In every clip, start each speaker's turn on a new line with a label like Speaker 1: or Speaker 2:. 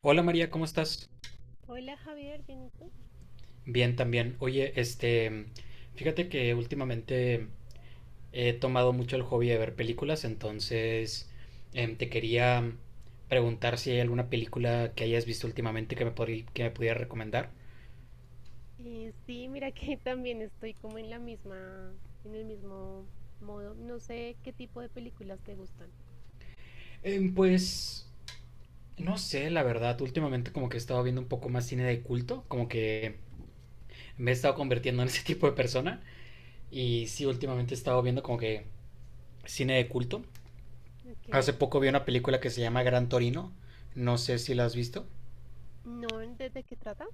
Speaker 1: Hola María, ¿cómo estás?
Speaker 2: Hola Javier, ¿bien y tú?
Speaker 1: Bien también. Oye, fíjate que últimamente he tomado mucho el hobby de ver películas. Entonces te quería preguntar si hay alguna película que hayas visto últimamente que me pudiera recomendar.
Speaker 2: Sí, mira que también estoy como en la misma, en el mismo modo. No sé qué tipo de películas te gustan.
Speaker 1: Em, pues, no sé, la verdad, últimamente como que he estado viendo un poco más cine de culto, como que me he estado convirtiendo en ese tipo de persona, y sí, últimamente he estado viendo como que cine de culto.
Speaker 2: Ok,
Speaker 1: Hace poco vi una película que se llama Gran Torino. No sé si la has visto.
Speaker 2: no, ¿desde qué trata?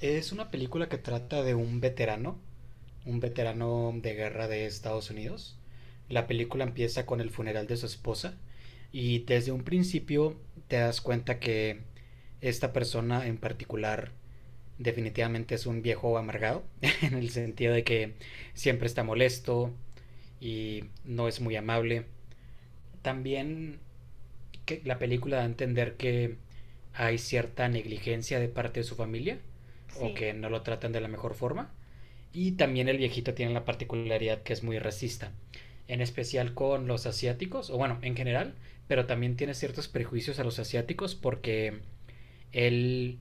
Speaker 1: Es una película que trata de un veterano de guerra de Estados Unidos. La película empieza con el funeral de su esposa y desde un principio te das cuenta que esta persona en particular definitivamente es un viejo amargado, en el sentido de que siempre está molesto y no es muy amable. También que la película da a entender que hay cierta negligencia de parte de su familia, o
Speaker 2: Sí.
Speaker 1: que no lo tratan de la mejor forma. Y también el viejito tiene la particularidad que es muy racista, en especial con los asiáticos, o bueno, en general, pero también tiene ciertos prejuicios a los asiáticos porque él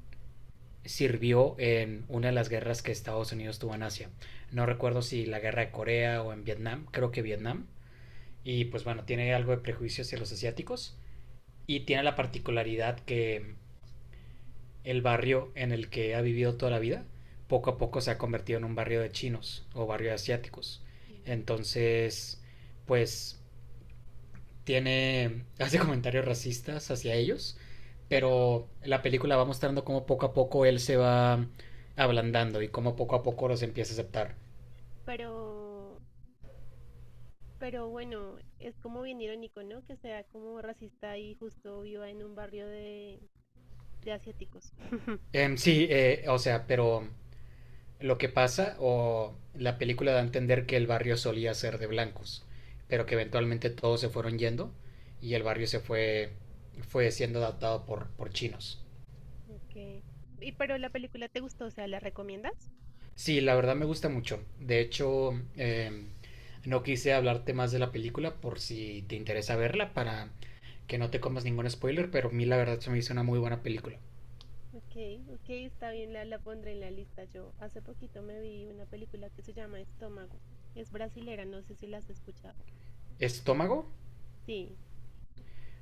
Speaker 1: sirvió en una de las guerras que Estados Unidos tuvo en Asia. No recuerdo si la guerra de Corea o en Vietnam, creo que Vietnam. Y pues bueno, tiene algo de prejuicio hacia los asiáticos, y tiene la particularidad que el barrio en el que ha vivido toda la vida poco a poco se ha convertido en un barrio de chinos o barrio de asiáticos.
Speaker 2: Mm.
Speaker 1: Entonces, pues tiene, hace comentarios racistas hacia ellos,
Speaker 2: Pero,
Speaker 1: pero la película va mostrando cómo poco a poco él se va ablandando y cómo poco a poco los empieza a aceptar.
Speaker 2: pero, pero bueno, es como bien irónico, ¿no? Que sea como racista y justo viva en un barrio de asiáticos.
Speaker 1: O sea, pero lo que pasa, o la película da a entender que el barrio solía ser de blancos, pero que eventualmente todos se fueron yendo y el barrio se fue, fue siendo adaptado por chinos.
Speaker 2: Ok. Y pero la película te gustó, o sea, ¿la recomiendas?
Speaker 1: Sí, la verdad me gusta mucho. De hecho, no quise hablarte más de la película por si te interesa verla para que no te comas ningún spoiler, pero a mí la verdad se me hizo una muy buena película.
Speaker 2: Ok, ok, está bien, la pondré en la lista. Yo hace poquito me vi una película que se llama Estómago. Es brasilera, no sé si la has escuchado.
Speaker 1: ¿Estómago?
Speaker 2: Sí.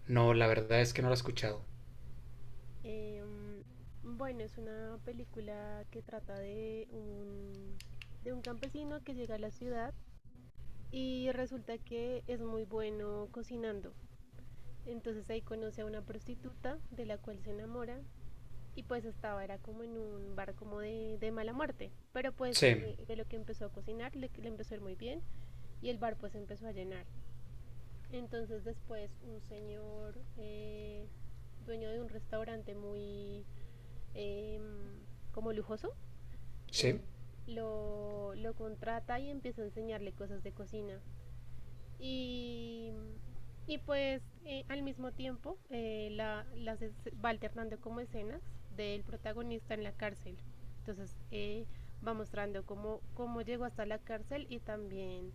Speaker 1: No, la verdad es que no la he escuchado.
Speaker 2: em, bueno, es una película que trata de un campesino que llega a la ciudad y resulta que es muy bueno cocinando. Entonces ahí conoce a una prostituta de la cual se enamora y pues estaba, era como en un bar como de mala muerte. Pero pues
Speaker 1: Sí,
Speaker 2: de lo que empezó a cocinar le empezó a ir muy bien y el bar pues empezó a llenar. Entonces después un señor dueño de un restaurante muy eh, como lujoso eh,
Speaker 1: sí.
Speaker 2: lo contrata y empieza a enseñarle cosas de cocina. Y, y pues al mismo tiempo va alternando como escenas del protagonista en la cárcel. Entonces va mostrando cómo, cómo llegó hasta la cárcel y también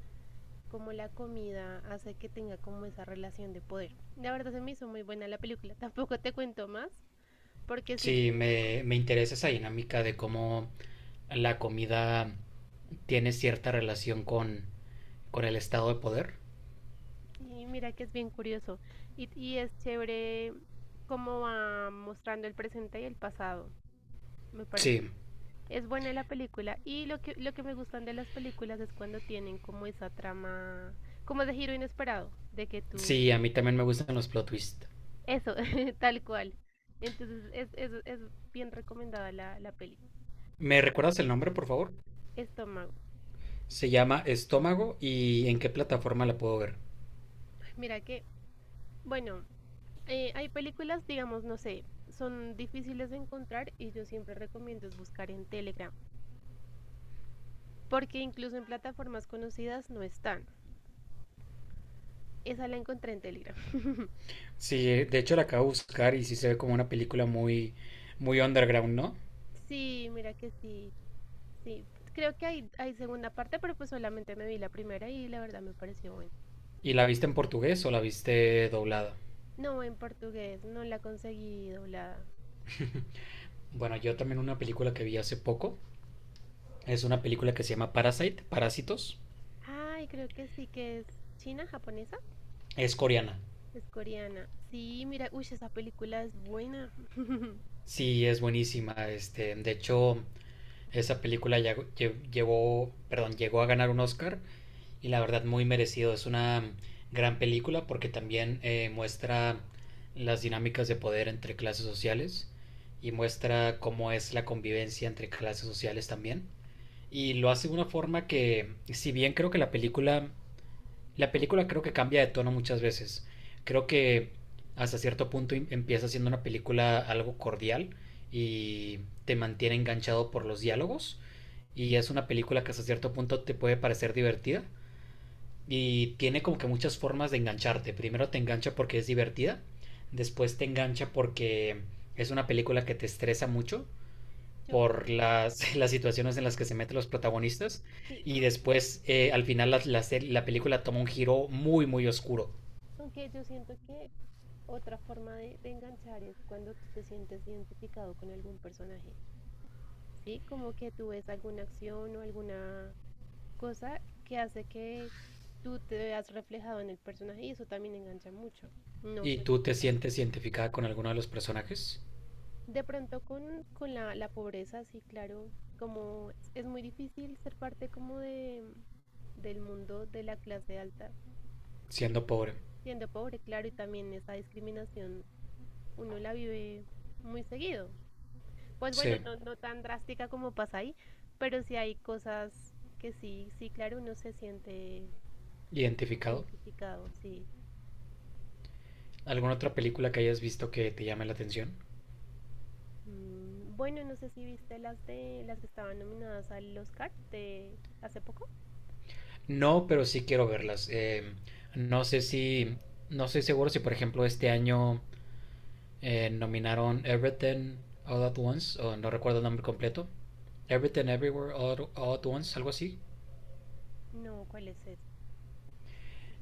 Speaker 2: cómo la comida hace que tenga como esa relación de poder. La verdad se me hizo muy buena la película, tampoco te cuento más, porque sí,
Speaker 1: Sí,
Speaker 2: tiene un
Speaker 1: me interesa esa dinámica de cómo la comida tiene cierta relación con el estado de poder.
Speaker 2: y mira que es bien curioso y es chévere cómo va mostrando el presente y el pasado, me pareció.
Speaker 1: Sí,
Speaker 2: Es buena la película y lo que me gustan de las películas es cuando tienen como esa trama, como de giro inesperado, de que tú,
Speaker 1: sí, a mí también me gustan los plot twists.
Speaker 2: eso, tal cual. Entonces es bien recomendada la peli.
Speaker 1: ¿Me recuerdas el nombre, por favor?
Speaker 2: Estómago.
Speaker 1: Se llama Estómago, ¿y en qué plataforma la puedo ver?
Speaker 2: Mira que bueno, hay películas, digamos, no sé, son difíciles de encontrar y yo siempre recomiendo es buscar en Telegram, porque incluso en plataformas conocidas no están. Esa la encontré en Telegram.
Speaker 1: Sí, de hecho la acabo de buscar y sí se ve como una película muy, muy underground, ¿no?
Speaker 2: Sí, mira que sí, sí. Creo que hay segunda parte, pero pues solamente me vi la primera y la verdad me pareció buena.
Speaker 1: ¿Y la viste en portugués o la viste doblada?
Speaker 2: No, en portugués, no la conseguí doblada.
Speaker 1: Bueno, yo también una película que vi hace poco. Es una película que se llama Parasite, Parásitos.
Speaker 2: Ay, creo que sí que es china, japonesa,
Speaker 1: Es coreana.
Speaker 2: es coreana. Sí, mira, uy, esa película es buena.
Speaker 1: Sí, es buenísima. Este, de hecho, esa película llevó, perdón, llegó a ganar un Oscar, y la verdad muy merecido. Es una gran película porque también muestra las dinámicas de poder entre clases sociales y muestra cómo es la convivencia entre clases sociales también. Y lo hace de una forma que, si bien creo que la película creo que cambia de tono muchas veces. Creo que hasta cierto punto empieza siendo una película algo cordial y te mantiene enganchado por los diálogos. Y es una película que hasta cierto punto te puede parecer divertida. Y tiene como que muchas formas de engancharte. Primero te engancha porque es divertida. Después te engancha porque es una película que te estresa mucho
Speaker 2: Yo,
Speaker 1: por las situaciones en las que se meten los protagonistas,
Speaker 2: sí,
Speaker 1: y
Speaker 2: ok.
Speaker 1: después al final la película toma un giro muy muy oscuro.
Speaker 2: Aunque yo siento que otra forma de enganchar es cuando tú te sientes identificado con algún personaje, ¿sí? Como que tú ves alguna acción o alguna cosa que hace que tú te veas reflejado en el personaje y eso también engancha mucho. No
Speaker 1: ¿Y
Speaker 2: sé si
Speaker 1: tú
Speaker 2: te
Speaker 1: te
Speaker 2: pasa.
Speaker 1: sientes identificada con alguno de los personajes?
Speaker 2: De pronto con la, la pobreza, sí, claro, como es muy difícil ser parte como de, del mundo de la clase alta y
Speaker 1: Siendo
Speaker 2: sí,
Speaker 1: pobre.
Speaker 2: siendo pobre, claro, y también esa discriminación uno la vive muy seguido. Pues bueno,
Speaker 1: Sí,
Speaker 2: no, no tan drástica como pasa ahí, pero sí hay cosas que sí, sí, claro, uno se siente
Speaker 1: identificado.
Speaker 2: identificado, sí.
Speaker 1: ¿Alguna otra película que hayas visto que te llame la atención?
Speaker 2: Mm, bueno, no sé si viste las de las que estaban nominadas al Oscar de hace poco.
Speaker 1: No, pero sí quiero verlas. No sé si, no estoy seguro si por ejemplo este año nominaron Everything All at Once, o no recuerdo el nombre completo. All at Once, algo así.
Speaker 2: No, ¿cuál es esa?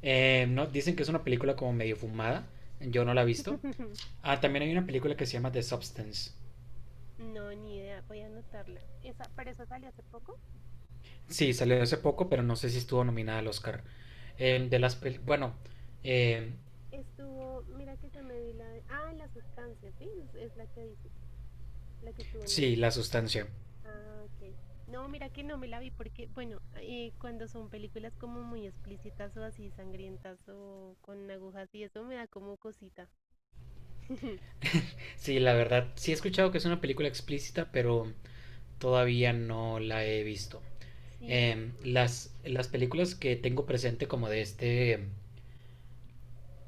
Speaker 1: No, dicen que es una película como medio fumada. Yo no la he visto. Ah, también hay una película que se llama The Substance.
Speaker 2: No, ni idea, voy a anotarla. Esa, pero esa salió hace poco.
Speaker 1: Sí, salió hace poco, pero no sé si estuvo nominada al Oscar. De las pel- bueno, eh,
Speaker 2: Estuvo, mira que yo me vi la de, ah, la sustancia, sí, es la que dice, la que estuvo
Speaker 1: sí,
Speaker 2: nominada.
Speaker 1: La Sustancia.
Speaker 2: Ah, ok. No, mira que no me la vi porque, bueno, cuando son películas como muy explícitas o así sangrientas o con agujas y eso me da como cosita.
Speaker 1: Sí, la verdad, sí he escuchado que es una película explícita, pero todavía no la he visto.
Speaker 2: Sí, yo-
Speaker 1: Las películas que tengo presente como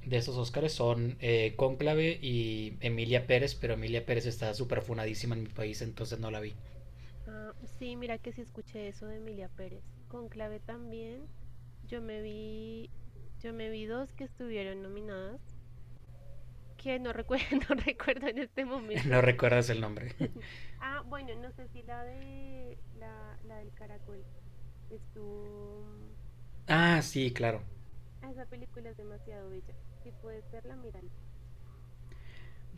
Speaker 1: de esos Oscars son Cónclave y Emilia Pérez, pero Emilia Pérez está súper funadísima en mi país, entonces no la vi.
Speaker 2: ah, sí, mira que sí escuché eso de Emilia Pérez. Con Clave también, yo me vi, yo me vi dos que estuvieron nominadas, que no recuerdo, no recuerdo en este momento.
Speaker 1: No recuerdas el nombre.
Speaker 2: Ah, bueno, no sé si la de la del caracol estuvo.
Speaker 1: Ah, sí, claro.
Speaker 2: Ah, esa película es demasiado bella. Si puedes verla, mírala.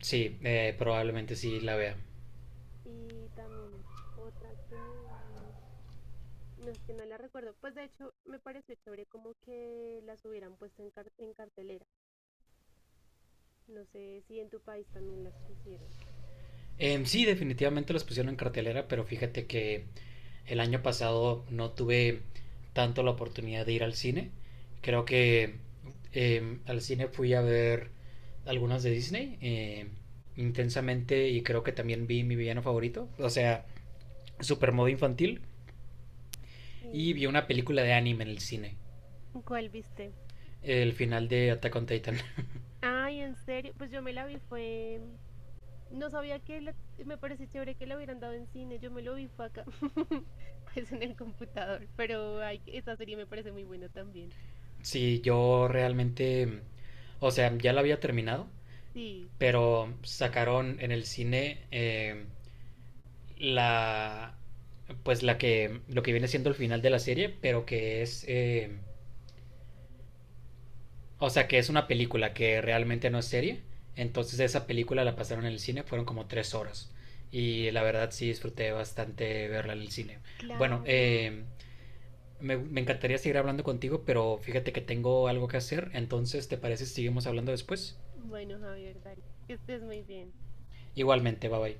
Speaker 1: Sí, probablemente sí la vea.
Speaker 2: Y también otra que me... No, es que no la recuerdo. Pues de hecho, me pareció chévere como que las hubieran puesto en, en cartelera. No sé si en tu país también las pusieron.
Speaker 1: Sí, definitivamente los pusieron en cartelera, pero fíjate que el año pasado no tuve tanto la oportunidad de ir al cine. Creo que al cine fui a ver algunas de Disney, intensamente, y creo que también vi Mi Villano Favorito, o sea, Supermodo Infantil,
Speaker 2: Sí.
Speaker 1: y vi una película de anime en el cine,
Speaker 2: ¿Cuál viste?
Speaker 1: el final de Attack on Titan.
Speaker 2: Ay, en serio. Pues yo me la vi, fue... No sabía que me pareció chévere que la hubieran dado en cine. Yo me lo vi, fue acá. Pues en el computador. Pero ay, esa serie me parece muy buena también.
Speaker 1: Sí, yo realmente, o sea, ya la había terminado,
Speaker 2: Sí,
Speaker 1: pero sacaron en el cine la, pues la que, lo que viene siendo el final de la serie, pero que es, o sea, que es una película que realmente no es serie. Entonces esa película la pasaron en el cine, fueron como 3 horas. Y la verdad sí disfruté bastante verla en el cine. Bueno,
Speaker 2: claro.
Speaker 1: me encantaría seguir hablando contigo, pero fíjate que tengo algo que hacer. Entonces, ¿te parece si seguimos hablando después?
Speaker 2: Bueno, Javier, dale. Que estés muy bien.
Speaker 1: Igualmente, bye bye.